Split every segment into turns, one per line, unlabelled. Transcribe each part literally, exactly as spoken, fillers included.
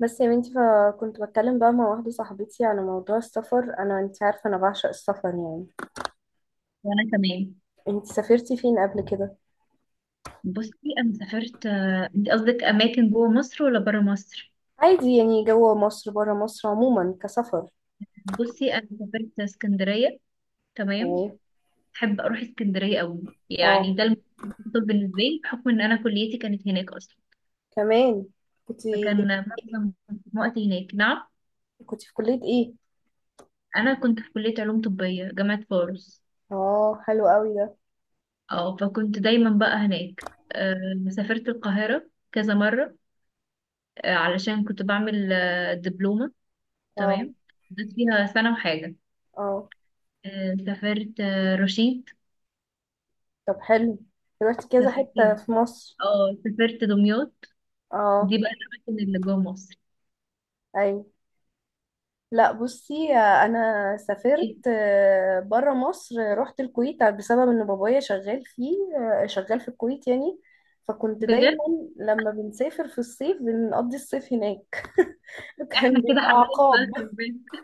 بس يا بنتي فكنت بتكلم بقى مع واحدة صاحبتي على موضوع السفر. أنا، أنت عارفة، أنا بعشق السفر يعني.
وانا كمان.
أنت سافرتي فين قبل كده؟
بصي، انا سافرت آه، انت قصدك اماكن جوه مصر ولا بره مصر؟
عادي يعني، جوه مصر برا مصر عموما كسفر
بصي انا سافرت اسكندريه. تمام.
يعني.
بحب اروح اسكندريه قوي، يعني
اه.
ده المفضل بالنسبه لي بحكم ان انا كليتي كانت هناك اصلا،
كمان. كنت
فكان معظم وقتي هناك. نعم،
كنت في كلية ايه؟
انا كنت في كليه علوم طبيه جامعه فاروس.
اه، حلو قوي ده.
اه، فكنت دايما بقى هناك. آه، سافرت القاهره كذا مره، آه، علشان كنت بعمل آه، دبلومه.
اه.
تمام، قضيت فيها سنه وحاجه.
اه
آه، سافرت آه، رشيد،
طب حلو، رحت كذا
سافرت
حتة في مصر.
اه سافرت دمياط.
اه.
دي بقى الأماكن اللي جوه مصر.
أيوة. لا بصي، انا سافرت
إيه،
آه، بره مصر، رحت الكويت بسبب ان بابايا شغال فيه. آه، شغال في الكويت يعني. فكنت
بجد؟
دايما لما بنسافر في الصيف بنقضي الصيف هناك. كان
احنا كده
بيبقى
حبايب بقى، خلي
عقاب.
بالك.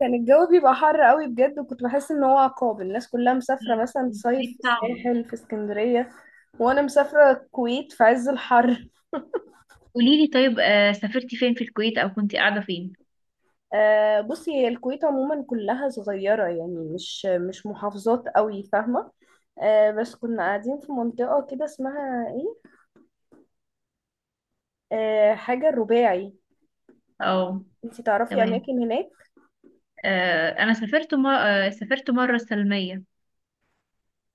كان الجو بيبقى حر قوي بجد، وكنت بحس ان هو عقاب. الناس كلها مسافرة مثلا تصيف في
البيت صعبة.
الساحل في اسكندرية، وانا مسافرة الكويت في عز الحر.
قولي لي طيب، آه، سافرتي فين في الكويت أو كنتي قاعدة فين؟
آه، بصي هي الكويت عموما كلها صغيرة يعني، مش مش محافظات قوي، فاهمة. آه، بس كنا قاعدين في منطقة كده اسمها ايه، آه، حاجة الرباعي.
اه
انتي تعرفي
تمام.
اماكن هناك؟
آه، أنا سافرت مرة سافرت مرة السلمية.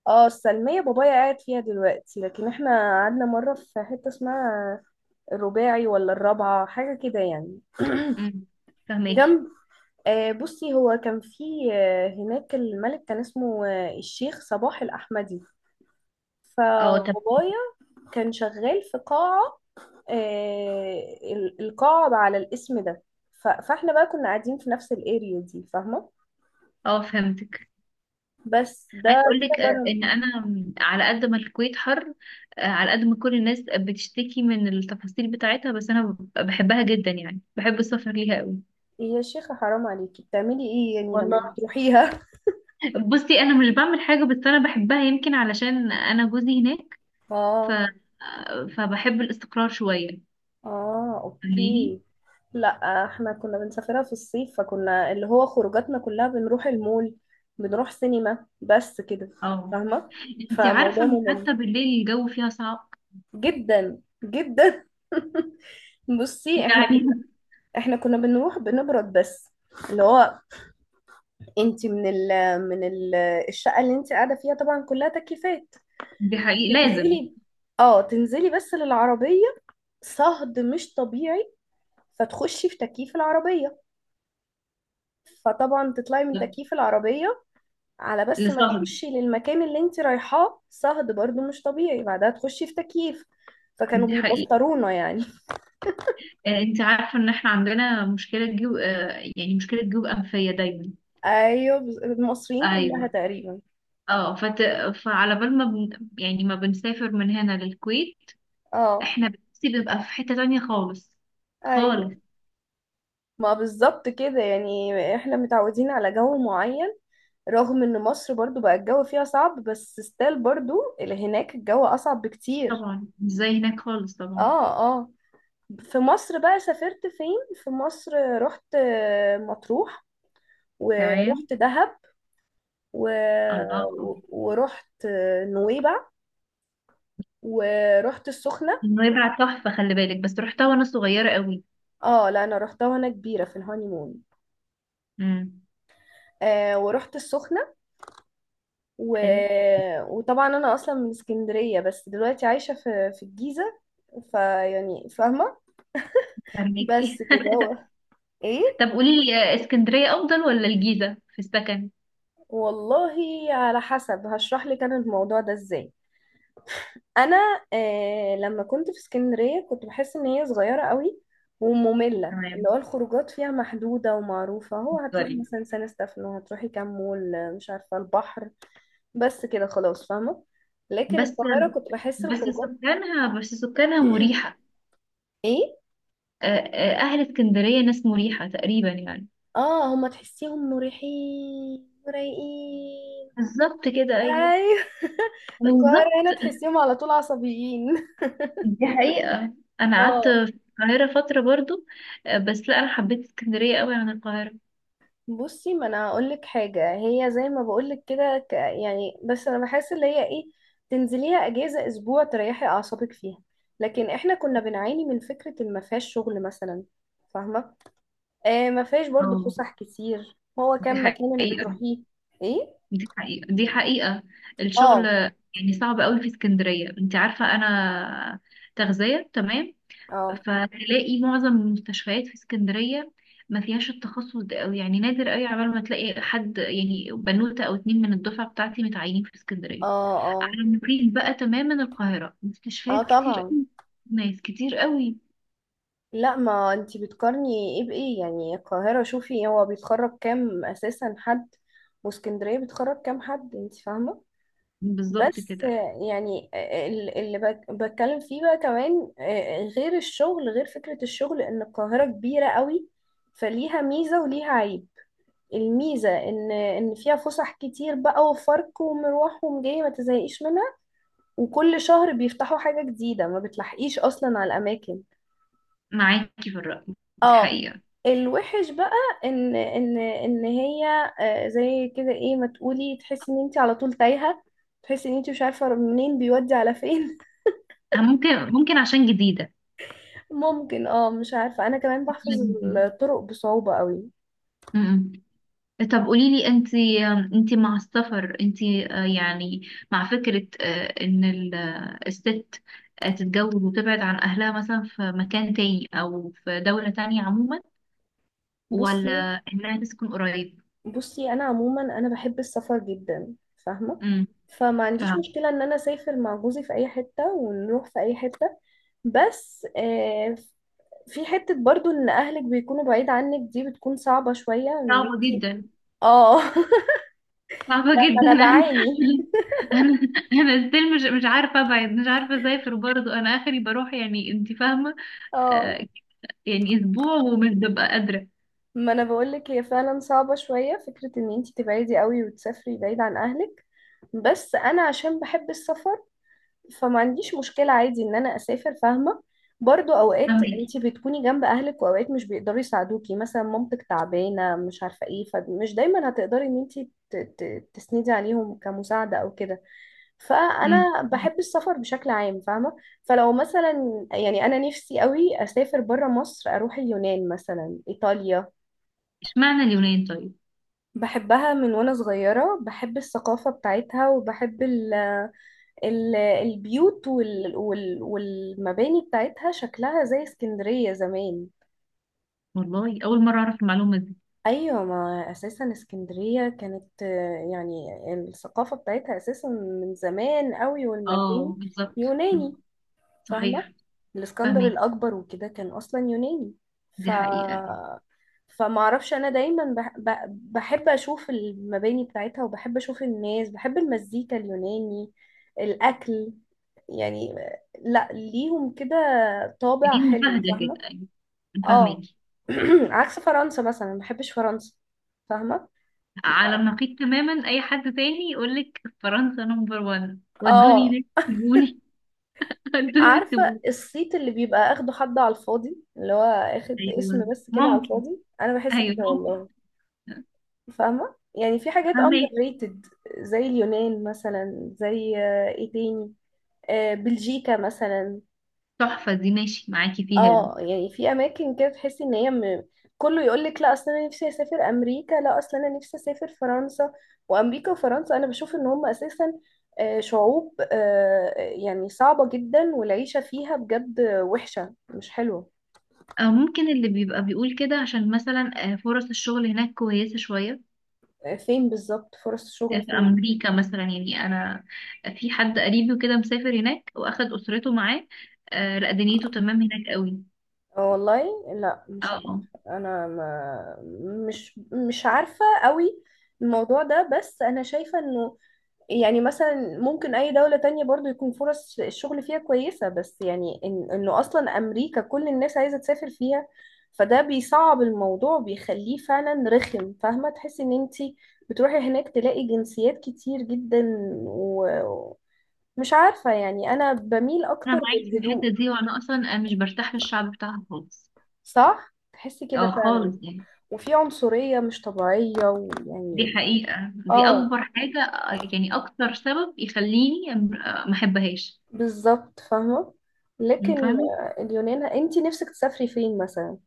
اه، السلمية بابايا قاعد فيها دلوقتي، لكن احنا قعدنا مرة في حتة اسمها الرباعي ولا الرابعة حاجة كده يعني،
مم، فهماكي.
جنب. آه، بصي هو كان في، آه، هناك الملك كان اسمه آه، الشيخ صباح الأحمدي.
اه طب.
فبابايا كان شغال في قاعة، آه، ال- القاعة على الاسم ده. ف- فاحنا بقى كنا قاعدين في نفس الاريا دي، فاهمة.
اه فهمتك.
بس
عايز
ده
اقول
كده
لك آه،
بره.
ان انا على قد ما الكويت حر، آه، على قد ما كل الناس بتشتكي من التفاصيل بتاعتها، بس انا بحبها جدا، يعني بحب السفر ليها قوي.
يا شيخة حرام عليكي، بتعملي ايه يعني
والله
لما بتروحيها؟
بصي انا مش بعمل حاجه، بس انا بحبها يمكن علشان انا جوزي هناك. ف
اه.
فبحب الاستقرار شويه.
اه
فاهماني؟
اوكي. لا احنا كنا بنسافرها في الصيف، فكنا اللي هو خروجاتنا كلها بنروح المول، بنروح سينما، بس كده،
اه،
فاهمة.
انت عارفه
فموضوع
ان
ممل
حتى بالليل الجو فيها صعب
جدا جدا. بصي احنا
يعني.
احنا كنا بنروح بنبرد بس. اللي هو انت من ال من ال الشقه اللي انت قاعده فيها طبعا كلها تكييفات،
دي حقيقي لازم
تنزلي، اه تنزلي بس للعربيه، صهد مش طبيعي، فتخشي في تكييف العربيه، فطبعا تطلعي من تكييف العربيه على، بس ما
لسهر.
تخشي للمكان اللي انت رايحاه صهد برضو مش طبيعي، بعدها تخشي في تكييف. فكانوا
دي حقيقي.
بيبطرونا يعني.
آه، انت عارفة ان احنا عندنا مشكلة جيوب، آه، يعني مشكلة جيوب أنفية دايما.
ايوه، بز- المصريين كلها
ايوه.
تقريبا.
اه، فت... فعلى بال ما بن... يعني ما بنسافر من هنا للكويت
اه.
احنا بنفسي بيبقى في حتة تانية خالص.
ايوه.
خالص
ما بالظبط كده يعني، احنا متعودين على جو معين. رغم ان مصر برضو بقى الجو فيها صعب بس ستيل برضو اللي هناك الجو اصعب بكتير.
طبعا، مش زي هناك خالص طبعا.
اه. اه. في مصر بقى سافرت فين في مصر؟ رحت آه، مطروح،
تمام،
ورحت دهب، و...
الله
و-
أكبر.
ورحت آه، نويبع، ورحت السخنة.
نويبع تحفة، خلي بالك، بس رحتها وانا صغيرة قوي.
اه لا انا رحتها وانا كبيرة، في الهانيمون.
امم
آه ورحت السخنة. و...
حلو.
وطبعا انا اصلا من اسكندرية، بس دلوقتي عايشة في في الجيزة، فيعني فاهمة.
فهميكي.
بس كده هو. ايه؟
طب قولي لي، آه، اسكندرية افضل ولا الجيزة في السكن؟
والله، على حسب، هشرح لك انا الموضوع ده ازاي. انا آه لما كنت في اسكندريه كنت بحس ان هي صغيره قوي وممله، اللي
تمام،
هو الخروجات فيها محدوده ومعروفه، هو هتروحي
اتفضلي.
مثلا سان ستefانو، هتروحي كام مول، آه، مش عارفه البحر، بس كده خلاص، فاهمه. لكن
بس
القاهره كنت بحس
بس
الخروجات.
سكانها بس سكانها مريحة.
ايه.
آه، آه، أهل اسكندرية ناس مريحة تقريبا يعني.
اه، هما تحسيهم مريحين ورايقين.
بالظبط كده، أيوه
ايوه. القاهره
بالظبط،
هنا تحسيهم على طول عصبيين.
دي حقيقة. أنا قعدت
اه.
في القاهرة فترة برضو، آه، بس لا أنا حبيت اسكندرية قوي عن القاهرة.
بصي ما انا هقول لك حاجه، هي زي ما بقول لك كده، ك- يعني، بس انا بحس اللي هي ايه، تنزليها اجازه اسبوع تريحي اعصابك فيها. لكن احنا كنا بنعاني من فكره إن ما فيهاش شغل مثلا، فاهمه. آه ما فيهاش برضو
اه
فسح كتير، هو
دي
كان مكان اللي
حقيقة،
بتروحيه. ايه.
دي حقيقة، دي حقيقة. الشغل
اه.
يعني صعب قوي في اسكندرية، انت عارفة أنا تغذية تمام،
اه.
فتلاقي معظم المستشفيات في اسكندرية ما فيهاش التخصص ده أوي، يعني نادر قوي عبال ما تلاقي حد، يعني بنوتة او اتنين من الدفعة بتاعتي متعينين في اسكندرية.
اه اه.
على النقيض بقى تماما القاهرة
اه
مستشفيات كتير
طبعا.
قوي، ناس كتير قوي.
لا ما انتي بتقارني ايه بايه يعني؟ القاهره شوفي هو بيتخرج كام اساسا حد، واسكندريه بيتخرج كام حد، انتي فاهمه.
بالظبط
بس
كده،
يعني ال- اللي بك- بتكلم فيه بقى كمان، آه، غير الشغل، غير فكرة الشغل ان القاهرة كبيرة قوي، فليها ميزة وليها عيب. الميزة ان ان فيها فسح كتير بقى، وفرق ومروح ومجاي، ما تزهقيش منها. وكل شهر بيفتحوا حاجة جديدة، ما بتلحقيش اصلا على الاماكن.
معاكي في الرأي، دي
اه.
حقيقة.
الوحش بقى ان ان ان هي آه، زي كده ايه ما تقولي، تحسي ان انت على طول تايهة، تحسي ان انت مش عارفة منين بيودي على فين.
ممكن ممكن عشان جديدة،
ممكن، اه، مش عارفة، انا كمان
عشان
بحفظ
جديدة.
الطرق بصعوبة قوي.
م- م. طب قوليلي انت، انت مع السفر، انت يعني مع فكرة آه، ان ال- آه، الست آه، تتجوز وتبعد عن اهلها مثلا في مكان تاني او في دولة تانية عموما،
بصي.
ولا انها تسكن قريب؟
بصي انا عموما انا بحب السفر جدا، فاهمة.
امم
فما عنديش
فاهمة.
مشكلة ان انا اسافر مع جوزي في اي حتة ونروح في اي حتة. بس آه في حتة برضو ان اهلك بيكونوا بعيد عنك دي بتكون صعبة شوية، ان
صعبة
انتي...
جدا،
اه.
صعبة
لا ما
جدا.
انا
انا
بعاني.
انا انا ستيل مش مش عارفة ابعد، مش عارفة اسافر برضه، انا اخري بروح، يعني انت فاهمة.
اه
آه، يعني اسبوع ومش ببقى قادرة.
ما انا بقولك هي فعلا صعبة شوية فكرة ان انتي تبعدي قوي وتسافري بعيد عن اهلك، بس انا عشان بحب السفر فما عنديش مشكلة عادي ان انا اسافر، فاهمة. برضو اوقات
فاهمك.
انتي بتكوني جنب اهلك واوقات مش بيقدروا يساعدوكي، مثلا مامتك تعبانة مش عارفة ايه، فمش دايما هتقدري ان انتي ت- ت- تسندي عليهم كمساعدة او كده.
امم
فانا بحب السفر بشكل عام، فاهمة. فلو مثلا يعني انا نفسي قوي اسافر برا مصر، اروح اليونان مثلا، ايطاليا.
اشمعنى اليونان طيب؟
بحبها من وانا صغيرة، بحب الثقافة بتاعتها وبحب ال، ال- البيوت وال وال والمباني بتاعتها، شكلها زي اسكندرية زمان.
والله أول مرة أعرف المعلومة دي.
ايوه، ما اساسا اسكندرية كانت آه، يعني الثقافة بتاعتها اساسا من زمان قوي، والمباني
اه بالظبط. مم.
يوناني، فاهمة.
صحيح،
الاسكندر
فاهمك.
الاكبر وكده كان اصلا يوناني. ف
دي حقيقة.
فما اعرفش، انا دايما بح... ب- بحب اشوف المباني بتاعتها، وبحب اشوف الناس، بحب المزيكا اليوناني، الاكل. يعني آه، لا، ليهم كده طابع
دي
حلو،
مباهدة
فاهمة.
كده، أيوة، فاهمك.
اه. عكس فرنسا مثلا، ما بحبش فرنسا، فاهمة.
على النقيض تماما، أي حد تاني يقولك فرنسا نمبر وان
اه.
ودوني هناك سيبوني. ودوني
عارفة
سيبوني.
الصيت اللي بيبقى اخده حد على الفاضي، اللي هو اخد اسم
أيوة
بس كده على
ممكن،
الفاضي، انا بحس
أيوة
كده
ممكن،
والله. فاهمة يعني، في حاجات
فاهمك.
underrated، زي اليونان مثلا، زي آه، ايه تاني، آه، بلجيكا مثلا.
تحفة دي، ماشي معاكي فيها دي.
اه يعني في اماكن كده تحسي ان هي م... كله يقول لك لا اصل انا نفسي اسافر امريكا، لا اصل انا نفسي اسافر فرنسا، وامريكا وفرنسا انا بشوف ان هم اساسا آه، شعوب آه، يعني صعبة جدا، والعيشة فيها بجد وحشة مش حلوة.
أو ممكن اللي بيبقى بيقول كده عشان مثلا آه، فرص الشغل هناك كويسة شوية.
آه، فين بالظبط فرص
في
الشغل فين؟
امريكا مثلا، يعني انا في حد قريبي وكده مسافر هناك واخد اسرته معاه، آه لا دنيته تمام هناك قوي.
آه، والله لا
اه
مش عارفة.
اه،
انا ما مش مش عارفة قوي الموضوع ده، بس انا شايفة انه يعني مثلا ممكن اي دولة تانية برضو يكون فرص الشغل فيها كويسة، بس يعني إن انه اصلا امريكا كل الناس عايزة تسافر فيها فده بيصعب الموضوع، بيخليه فعلا رخم، فاهمة. تحسي ان انتي بتروحي هناك تلاقي جنسيات كتير جدا، و- ومش عارفة، يعني انا بميل
انا
اكتر
معاك في الحته
للهدوء.
دي، وانا اصلا مش برتاح للشعب بتاعها خالص.
صح، تحسي كده
اه
فعلا.
خالص يعني.
وفي عنصرية مش طبيعية،
دي
ويعني.
حقيقه، دي
اه
اكبر حاجه، آه، يعني اكتر سبب يخليني، آه، ما احبهاش.
بالظبط، فاهمة. لكن
فاهمه.
آه، اليونان، انتي نفسك تسافري فين مثلا؟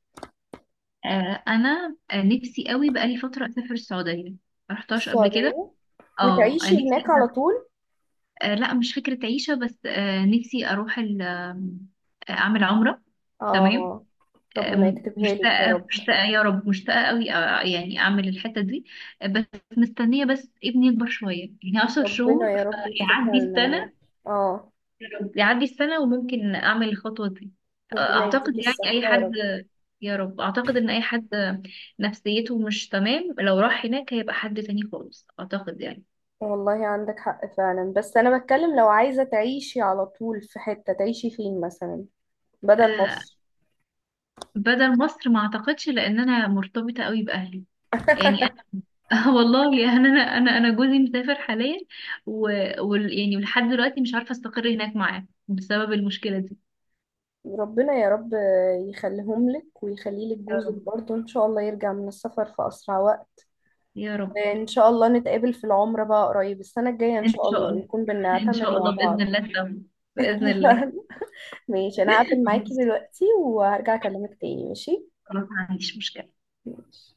آه انا آه، نفسي قوي بقالي فتره اسافر السعوديه، ما رحتهاش قبل كده.
السعودية؟
اه آه،
وتعيشي
نفسي.
هناك على طول؟
آه، لا مش فكرة عيشة، بس آه، نفسي أروح ال- آم، آه، أعمل عمرة. تمام.
اه. ربنا
آم،
يكتبها لك يا
مشتاقة
رب.
مشتاقة يا رب، مشتاقة قوي، آه، يعني أعمل الحتة دي، آه، بس مستنية بس ابني يكبر شوية، يعني عشر
ربنا
شهور
يا رب
يعدي
يكتبها لنا يا رب.
السنة.
اه.
يا رب يعدي السنة وممكن أعمل الخطوة دي. آه،
ربنا
أعتقد
يديكي
يعني أي
الصحة يا
حد،
رب.
يا رب أعتقد إن أي حد نفسيته مش تمام لو راح هناك هيبقى حد تاني خالص، أعتقد يعني.
والله عندك حق فعلا، بس أنا بتكلم لو عايزة تعيشي على طول في حتة، تعيشي فين مثلا بدل
آه،
مصر؟
بدل مصر ما اعتقدش لان انا مرتبطه قوي باهلي، يعني انا. والله يعني انا انا انا جوزي مسافر حاليا، و... و... يعني لحد دلوقتي مش عارفه استقر هناك معاه بسبب المشكله دي.
ربنا يا رب يخليهم لك ويخلي لك
يا
جوزك
رب،
برضه، إن شاء الله يرجع من السفر في أسرع وقت.
يا رب.
إن شاء الله نتقابل في العمرة بقى قريب السنة الجاية إن
ان
شاء
شاء
الله
الله،
ونكون
ان
بنعتمر
شاء
مع
الله باذن
بعض.
الله سوا، باذن الله.
ماشي، انا هقفل معاكي دلوقتي وهرجع اكلمك تاني، ماشي؟
خلاص، ما عنديش مشكله.
ماشي.